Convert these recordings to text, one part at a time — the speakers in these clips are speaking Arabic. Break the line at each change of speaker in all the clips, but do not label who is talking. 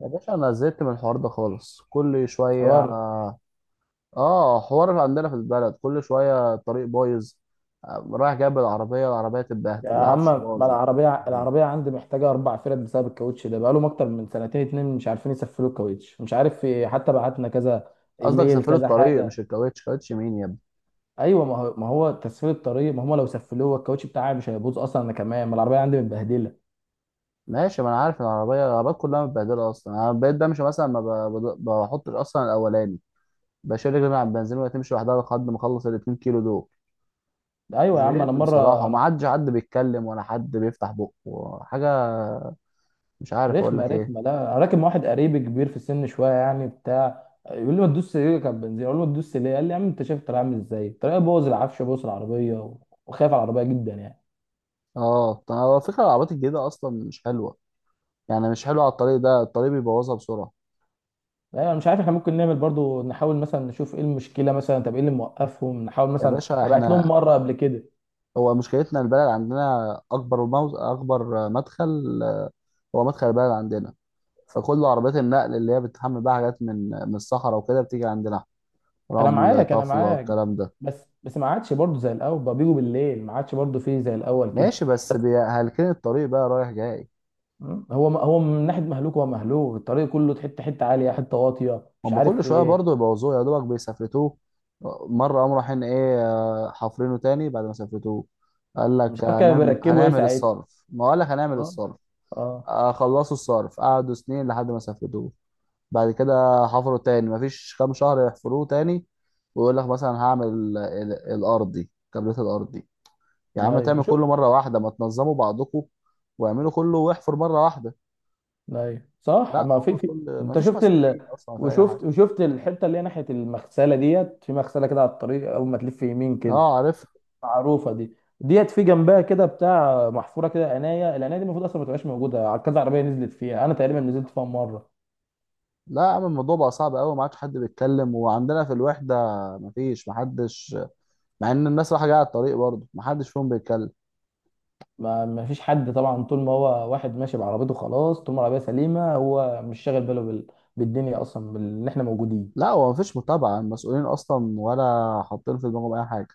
يا باشا انا زهقت من الحوار ده خالص كل شويه.
حوار.
اه، حوار عندنا في البلد كل شويه الطريق بايظ. رايح جايب العربيه تتبهدل،
يا عم،
العفشه
ما
باظت.
العربية العربية عندي محتاجة أربع فرد بسبب الكاوتش ده، بقالهم أكتر من سنتين اتنين مش عارفين يسفلوا الكاوتش، مش عارف في إيه، حتى بعتنا كذا
قصدك
إيميل
سافروا
كذا
الطريق
حاجة.
مش الكاوتش، كاوتش مين يا ابني؟
أيوة، ما هو تسفيل الطريق، ما هم لو سفلوه الكاوتش بتاعي مش هيبوظ أصلا، أنا كمان ما العربية عندي متبهدلة.
ماشي، ما انا عارف إن العربيه العربيات كلها متبهدله اصلا. انا بقيت بمشي مثلا، ما ب- بض- بحطش اصلا الاولاني، بشيل رجلي من على البنزين وهي تمشي لوحدها لحد ما اخلص ال 2 كيلو دول.
أيوة يا عم. أنا
زهقت بصراحه،
مرة
وما
أنا
عادش حد بيتكلم ولا حد بيفتح بقه حاجه. مش عارف اقول
رخمة
لك ايه.
رخمة. لا، أنا راكب مع واحد قريبي كبير في السن شوية، يعني بتاع، يقول لي ما تدوس رجلك على البنزين، أقول له ما تدوس ليه، قال لي يا عم أنت شايف الطريق عامل إزاي، الطريق بوظ العفش، بوظ العربية وخايف على العربية جدا يعني.
اه، طب هو فكرة العربيات الجديدة أصلا مش حلوة، يعني مش حلوة على الطريق ده، الطريق بيبوظها بسرعة.
لا انا مش عارف، احنا ممكن نعمل برضو، نحاول مثلا نشوف ايه المشكله مثلا، طب ايه اللي موقفهم، نحاول
يا
مثلا
باشا
ابعت لهم
احنا
مره قبل كده.
هو مشكلتنا البلد عندنا أكبر مدخل، هو مدخل البلد عندنا، فكل عربيات النقل اللي هي بتحمل بقى حاجات من الصحراء وكده بتيجي عندنا،
انا
رمل
معاك انا
طفلة
معاك
الكلام ده.
بس ما عادش برضو زي الاول، بقى بيجوا بالليل، ما عادش برضو فيه زي الاول كده.
ماشي،
بس
هلكين الطريق بقى رايح جاي.
مم، هو من ناحيه مهلوك، هو مهلوك الطريق كله، حته حته، عاليه حته واطيه، مش
هم
عارف
كل
في
شويه
ايه.
برضه يبوظوه، يا دوبك بيسافرتوه، مره قاموا رايحين ايه، حافرينه تاني بعد ما سافرتوه. قال
مش
لك
عارف كانوا
هنعمل،
بيركبوا ايه
هنعمل
ساعتها.
الصرف، ما قال لك هنعمل
اه.
الصرف.
اه.
خلصوا الصرف قعدوا سنين لحد ما سافرتوه، بعد كده حفروا تاني، مفيش كام شهر يحفروه تاني، ويقول لك مثلا هعمل الارض دي، كابلات الارض دي. يا عم
ايوه
تعمل كله
وشوف.
مره واحده، ما تنظموا بعضكم واعملوا كله، واحفر مره واحده.
ايوه صح.
لا،
ما
هو
في في
كل
انت
مفيش
شفت
مسؤولين اصلا في اي حاجه.
وشفت الحته اللي هي ناحيه المغسله ديت، في مغسله كده على الطريق، اول ما تلف يمين كده،
اه عارف.
معروفه دي، ديت في جنبها كده بتاع محفوره كده عنايه، العنايه دي المفروض اصلا ما تبقاش موجوده، كذا عربيه نزلت فيها، انا تقريبا نزلت فيها مره.
لا يا عم الموضوع بقى صعب قوي، ما عادش حد بيتكلم، وعندنا في الوحده ما فيش، ما حدش، مع ان الناس رايحه جايه على الطريق، برضه ما حدش فيهم بيتكلم.
ما فيش حد طبعا، طول ما هو واحد ماشي بعربيته خلاص، طول ما العربيه سليمه هو مش شاغل باله بالدنيا اصلا، ان احنا موجودين.
لا هو ما فيش متابعه المسؤولين اصلا، ولا حاطين في دماغهم اي حاجه،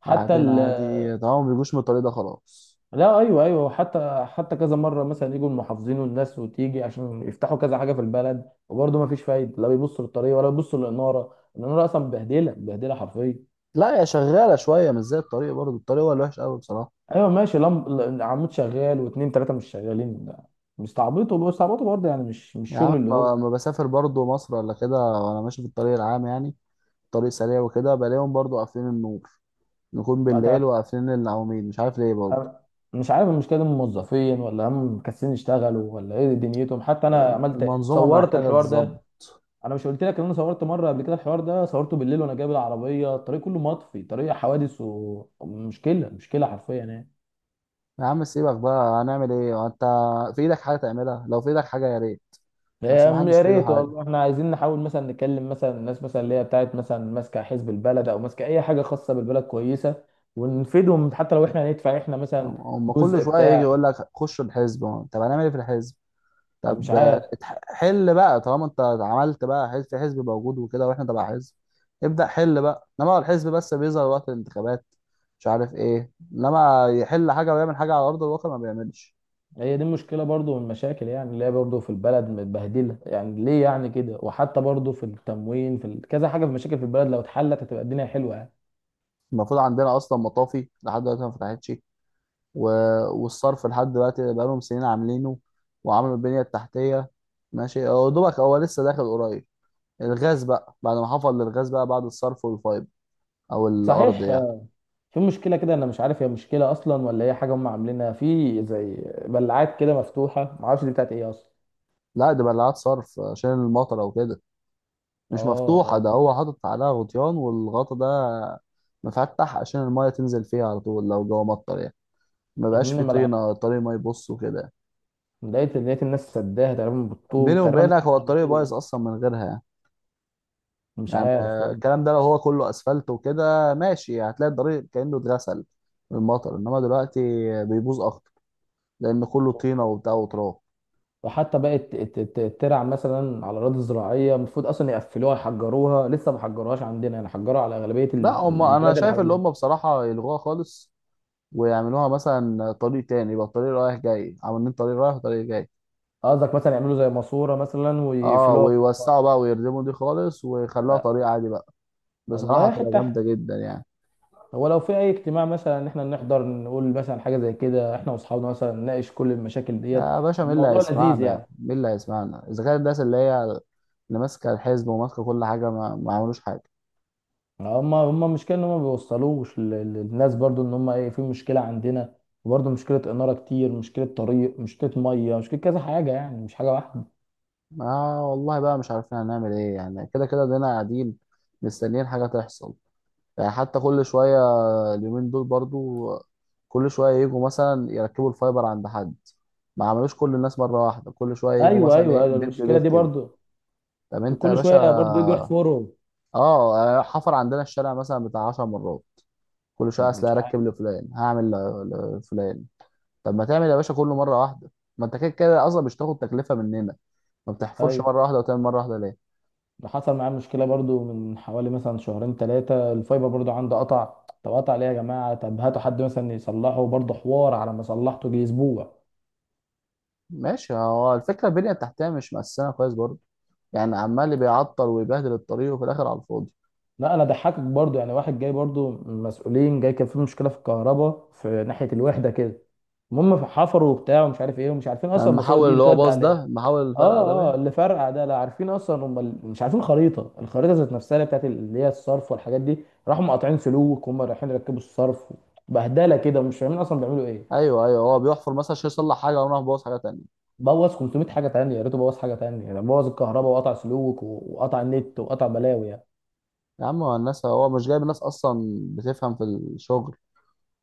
حتى
قاعدين عادي طبعا، ما بيجوش من الطريق ده خلاص.
لا ايوه ايوه، وحتى حتى كذا مره مثلا يجوا المحافظين والناس وتيجي عشان يفتحوا كذا حاجه في البلد، وبرضه ما فيش فايده، لا بيبصوا للطريق ولا بيبصوا للاناره، الاناره اصلا مبهدله مبهدله حرفيا.
لا هي شغاله شويه، مش زي الطريق برضه، الطريق هو الوحش قوي بصراحه.
ايوه ماشي. لم... عمود شغال واثنين ثلاثه مش شغالين ده، مستعبطوا بيستعبطوا برضه، يعني مش
يا عم
شغل اللي هو.
ما بسافر برضه مصر ولا كده، وانا ماشي في الطريق العام يعني، طريق سريع وكده، بلاقيهم برضه قافلين النور، نكون
ما
بالليل
تع-
وقافلين العواميد، مش عارف ليه برضه.
مش عارف المشكله دي من موظفين ولا هم مكسلين يشتغلوا ولا ايه دنيتهم، حتى انا عملت،
المنظومه
صورت
محتاجه
الحوار ده.
تتظبط.
انا مش قلت لك ان انا صورت مره قبل كده؟ الحوار ده صورته بالليل وانا جايب العربيه، الطريق كله مطفي، طريق حوادث، ومشكله مشكله حرفيا يعني.
يا عم سيبك بقى، هنعمل ايه انت؟ في ايدك حاجه تعملها؟ لو في ايدك حاجه يا ريت،
أم-
بس ما حدش
يا
في ايده
ريت،
حاجه.
والله احنا عايزين نحاول مثلا نكلم مثلا الناس مثلا اللي هي بتاعت مثلا ماسكه حزب البلد او ماسكه اي حاجه خاصه بالبلد كويسه، ونفيدهم، حتى لو احنا هندفع احنا
هم
مثلا
هم كل
جزء
شويه يجي
بتاع،
يقول لك خش الحزب، طب هنعمل ايه في الحزب؟
فمش
طب
عارف.
حل بقى، طالما انت عملت بقى حزب، في حزب موجود وكده، واحنا تبع حزب، ابدا حل بقى. انما هو الحزب بس بيظهر وقت الانتخابات، مش عارف ايه، انما يحل حاجه ويعمل حاجه على ارض الواقع ما بيعملش.
هي دي مشكله برضو من المشاكل، يعني اللي هي برضو في البلد متبهدله يعني، ليه يعني كده، وحتى برضو في التموين، في كذا حاجه، في مشاكل في البلد، لو اتحلت هتبقى الدنيا حلوه يعني.
المفروض عندنا اصلا مطافي لحد دلوقتي ما فتحتش، و- والصرف لحد دلوقتي بقالهم سنين عاملينه وعملوا البنية التحتية. ماشي هو دوبك هو لسه داخل قريب الغاز بقى، بعد ما حفر للغاز بقى بعد الصرف والفايبر أو الأرض
صحيح.
يعني.
في مشكلة كده أنا مش عارف، هي مشكلة أصلا ولا هي حاجة هم عاملينها، في زي بلعات كده مفتوحة، معرفش دي بتاعت إيه أصلا.
لا، دي بلعات صرف عشان المطر أو كده،
أه
مش مفتوحة،
أه.
ده هو حاطط عليها غطيان، والغطا ده مفتح عشان المية تنزل فيها على طول لو جوه مطر يعني، ما بقاش
أكمل
فيه
الملعقة.
طينة الطريق ما يبص وكده.
لقيت، لقيت الناس سداها تقريبا
بيني
بالطوب تقريبا، لسه
وبينك هو الطريق
مخلصوه.
بايظ أصلا من غيرها يعني.
مش
يعني
عارف.
الكلام ده لو هو كله اسفلت وكده ماشي، هتلاقي الطريق كانه اتغسل من المطر، انما دلوقتي بيبوظ اكتر لان كله طينه وبتاع وتراب.
وحتى بقت ترع مثلا على الأراضي الزراعية، المفروض أصلا يقفلوها يحجروها، لسه ما حجروهاش عندنا يعني، حجروها على أغلبية
لا هم انا
البلاد اللي
شايف اللي
حوالينا.
هم بصراحه يلغوها خالص، ويعملوها مثلا طريق تاني، يبقى الطريق رايح جاي، عاملين طريق رايح وطريق جاي.
قصدك مثلا يعملوا زي ماسورة مثلا
اه،
ويقفلوها؟
ويوسعوا بقى ويردموا دي خالص، ويخلوها
لا،
طريق عادي بقى، بصراحه
والله
هتبقى
حتة.
جامده جدا يعني.
هو لو في اي اجتماع مثلا ان احنا نحضر، نقول مثلا حاجه زي كده، احنا واصحابنا مثلا نناقش كل المشاكل ديت،
يا باشا مين اللي
الموضوع لذيذ
هيسمعنا؟
يعني.
مين اللي هيسمعنا اذا كان الناس اللي هي اللي ماسكه الحزب وماسكه كل حاجه ما عملوش حاجه؟
هم المشكله ان هم ما بيوصلوش للناس برضو، ان هم ايه، في مشكله عندنا، وبرضو مشكله اناره كتير، مشكله طريق، مشكله ميه، مشكله كذا حاجه، يعني مش حاجه واحده.
اه والله بقى مش عارفين هنعمل ايه يعني، كده كده دينا قاعدين مستنيين حاجة تحصل يعني. حتى كل شوية اليومين دول برضو كل شوية يجوا مثلا يركبوا الفايبر عند حد، ما عملوش كل الناس مرة واحدة، كل شوية يجوا
ايوه
مثلا
ايوه،
ايه،
أيوة،
بيت
المشكله
ببيت
دي
كده.
برضو
طب انت يا
كل شويه برضو يجوا
باشا،
يحفروا.
اه يعني حفر عندنا الشارع مثلا بتاع عشر مرات، كل شوية اصل
مش عارف.
هركب لفلان، هعمل لفلان. طب ما تعمل يا باشا كله مرة واحدة، ما انت كده كده اصلا مش تاخد تكلفة مننا، ما بتحفرش
ايوه.
مرة واحدة وتعمل مرة واحدة ليه؟
ده حصل معاه مشكله برضو من حوالي مثلا شهرين ثلاثه، الفايبر برضو عنده قطع. طب قطع ليه يا جماعه؟ طب هاتوا حد مثلا يصلحه برضو، حوار، على ما صلحته جه اسبوع.
ماشي، هو الفكرة البنية التحتية مش مقسمة كويس برضه، يعني عمال اللي بيعطل ويبهدل الطريق وفي الآخر على الفاضي.
لا انا ضحكك برضو يعني، واحد جاي برضو، مسؤولين جاي، كان في مشكله في الكهرباء في ناحيه الوحده كده. المهم حفروا وبتاع ومش عارف ايه، ومش عارفين اصلا
لما
الماسوره
حاول
دي
اللي هو
بتودي
باص
على
ده،
ايه.
لما حاول الفرقة ده
اه
باين.
اللي فرقع ده، لا عارفين اصلا هم مش عارفين خريطه، الخريطه ذات نفسها اللي بتاعت اللي هي الصرف والحاجات دي، راحوا مقاطعين سلوك، هم رايحين يركبوا الصرف، بهدله كده مش فاهمين اصلا بيعملوا ايه.
أيوه أيوه، هو بيحفر مثلا عشان يصلح حاجة وراح باص حاجة تانية.
بوظ 500 حاجه تانية، يا ريته بوظ حاجه تانية يعني، بوظ الكهرباء وقطع سلوك وقطع النت وقطع بلاوي يعني.
يا عم هو الناس، هو مش جايب الناس أصلا بتفهم في الشغل،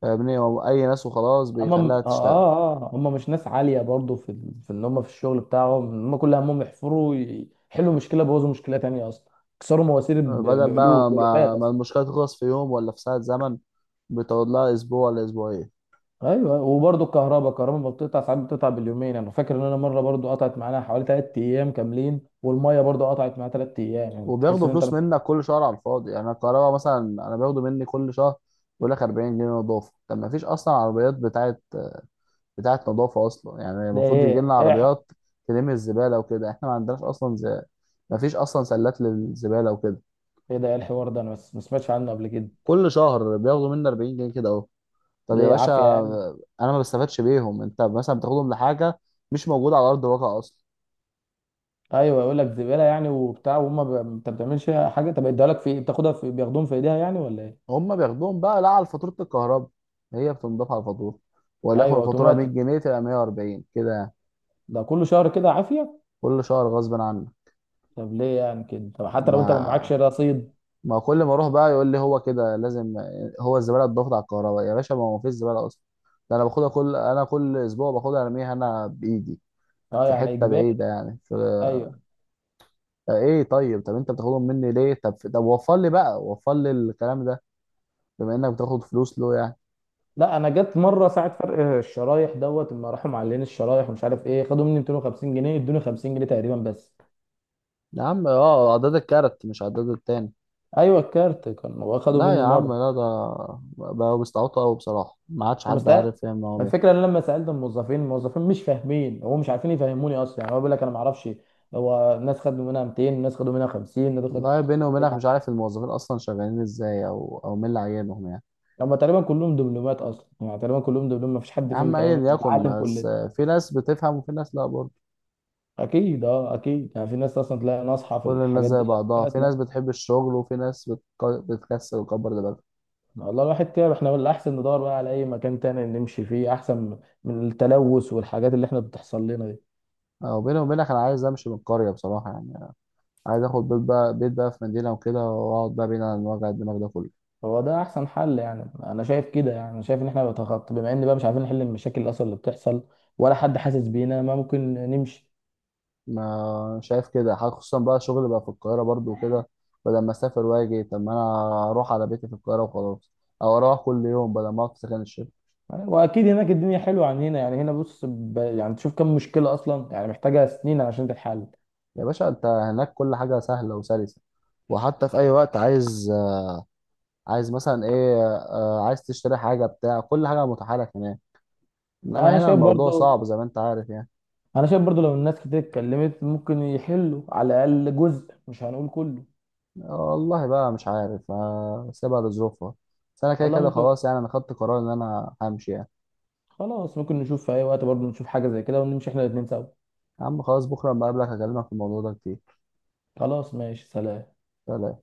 فاهمني؟ هو أي ناس وخلاص
اما
بيخليها
م- اه
تشتغل.
اه اه هم مش ناس عاليه برضو في في ان هم في الشغل بتاعهم، هم كل همهم يحفروا يحلوا مشكله، بوظوا مشكله تانية اصلا، كسروا مواسير
بدل
بقلوب
بقى ما,
بألوفات
ما
اصلا.
المشكلة تخلص في يوم ولا في ساعة زمن، بتقعد لها أسبوع ولا أسبوعين،
ايوه، وبرضو الكهرباء، الكهرباء ما بتقطع ساعات، بتقطع باليومين، انا فاكر ان انا مره برضو قطعت معانا حوالي 3 ايام كاملين، والميه برضو قطعت معايا 3 ايام، يعني تحس
وبياخدوا
ان انت
فلوس
بس.
منك كل شهر على الفاضي يعني. الكهرباء مثلا انا باخده مني كل شهر، بيقول لك 40 جنيه نظافه، طب ما فيش اصلا عربيات بتاعت نظافه اصلا يعني،
ده
المفروض يجي لنا
ايه ايه ح-
عربيات تلم الزباله وكده، احنا ما عندناش اصلا ما فيش اصلا سلات للزباله وكده.
ايه ده، إيه الحوار ده؟ انا بس ما سمعتش عنه قبل كده.
كل شهر بياخدوا مني 40 جنيه كده اهو. طب يا
ليه؟
باشا
عافيه يعني.
انا ما بستفادش بيهم، انت مثلا بتاخدهم لحاجه مش موجوده على ارض الواقع اصلا.
ايوه يقول لك زباله يعني وبتاع، وهم انت ما بتعملش حاجه طب اديها لك في إيه؟ بتاخدها في، بياخدوهم في ايديها يعني ولا ايه؟
هم بياخدوهم بقى لا على فاتوره الكهرباء، هي بتنضاف على الفاتوره، وليكن
ايوه
الفاتوره 100
اوتوماتيك.
جنيه تبقى 140 كده يعني.
ده كل شهر كده عافيه.
كل شهر غصب عنه،
طب ليه يعني كده؟ طب حتى لو انت ما معكش
ما
رصيد.
ما كل ما اروح بقى يقول لي هو كده لازم. هو الزباله اتضافت على الكهرباء يا باشا، ما هو مفيش زباله اصلا، ده انا باخدها كل، انا كل اسبوع باخدها ارميها انا بايدي
اه
في
يعني
حته
اجباري.
بعيده يعني
ايوه.
ايه؟ طيب، طب انت بتاخدهم مني ليه؟ طب طب وفر لي بقى، وفر لي الكلام ده بما انك بتاخد فلوس له يعني.
لا انا جت مره ساعه فرق الشرايح دوت، لما راحوا معلقين الشرايح ومش عارف ايه، خدوا مني 250 جنيه، ادوني 50 جنيه تقريبا بس.
يا عم اه، عداد الكارت مش عداد التاني؟
ايوه الكارت كان هو، خدوا
لا
مني
يا
مره
عم لا، ده بقوا بيستعبطوا قوي بصراحه، ما عادش
لما
حد
سأل.
عارف يعمل هو.
الفكره ان أنا لما سالت الموظفين، الموظفين مش فاهمين، هو مش عارفين يفهموني اصلا يعني، هو بيقول لك انا ما اعرفش، هو الناس خدوا منها 200، الناس خدوا منها 50، الناس خدوا
والله بيني وبينك
يعني.
مش عارف الموظفين اصلا شغالين ازاي، او مين اللي عينهم يعني.
هم تقريبا كلهم دبلومات اصلا يعني، تقريبا كلهم دبلوم، ما فيش حد
يا
فيهم
عم
تقريبا
ايا يكن،
بيتعلم
بس
كلنا.
في ناس بتفهم وفي ناس لا برضه،
اكيد، اه اكيد يعني، في ناس اصلا تلاقي
مش
ناصحه في
كل الناس
الحاجات
زي
دي، في
بعضها، في
ناس لا.
ناس بتحب الشغل وفي ناس بتكسل وكبر دماغها.
والله الواحد تعب، احنا الاحسن ندور بقى على اي مكان تاني نمشي فيه، احسن من التلوث والحاجات اللي احنا بتحصل لنا دي.
او بيني وبينك انا عايز امشي من القريه بصراحه يعني، عايز اخد بيت بقى، بيت بقى في مدينه وكده، واقعد بقى بعيد عن وجع الدماغ ده كله.
هو ده احسن حل يعني، انا شايف كده، يعني انا شايف ان احنا بنتخطى، بما ان بقى مش عارفين نحل المشاكل الاصل اللي بتحصل، ولا حد حاسس بينا، ما ممكن نمشي.
ما شايف كده حاجة، خصوصا بقى شغل بقى في القاهره برضه وكده، بدل ما اسافر واجي، طب ما انا اروح على بيتي في القاهره وخلاص، او اروح كل يوم بدل ما اقعد في سكن الشغل.
واكيد هناك الدنيا حلوه عن هنا يعني، هنا بص يعني تشوف كم مشكله اصلا يعني، محتاجه سنين عشان تتحل.
يا باشا انت هناك كل حاجة سهلة وسلسة، وحتى في اي وقت عايز، عايز مثلا ايه، عايز تشتري حاجة بتاع، كل حاجة متاحة لك هناك،
لا،
انما
انا
هنا
شايف
الموضوع
برضه،
صعب زي ما انت عارف يعني.
انا شايف برضه لو الناس كتير اتكلمت ممكن يحلوا على الاقل جزء، مش هنقول كله.
والله بقى مش عارف، سيبها لظروفها، بس انا كده
والله
كده
ممكن.
خلاص يعني، انا خدت قرار ان انا همشي يعني.
خلاص، ممكن نشوف في اي وقت برضه نشوف حاجه زي كده ونمشي احنا الاتنين سوا.
يا عم خلاص، بكرة لما اقابلك هكلمك في الموضوع ده كتير.
خلاص ماشي، سلام.
سلام.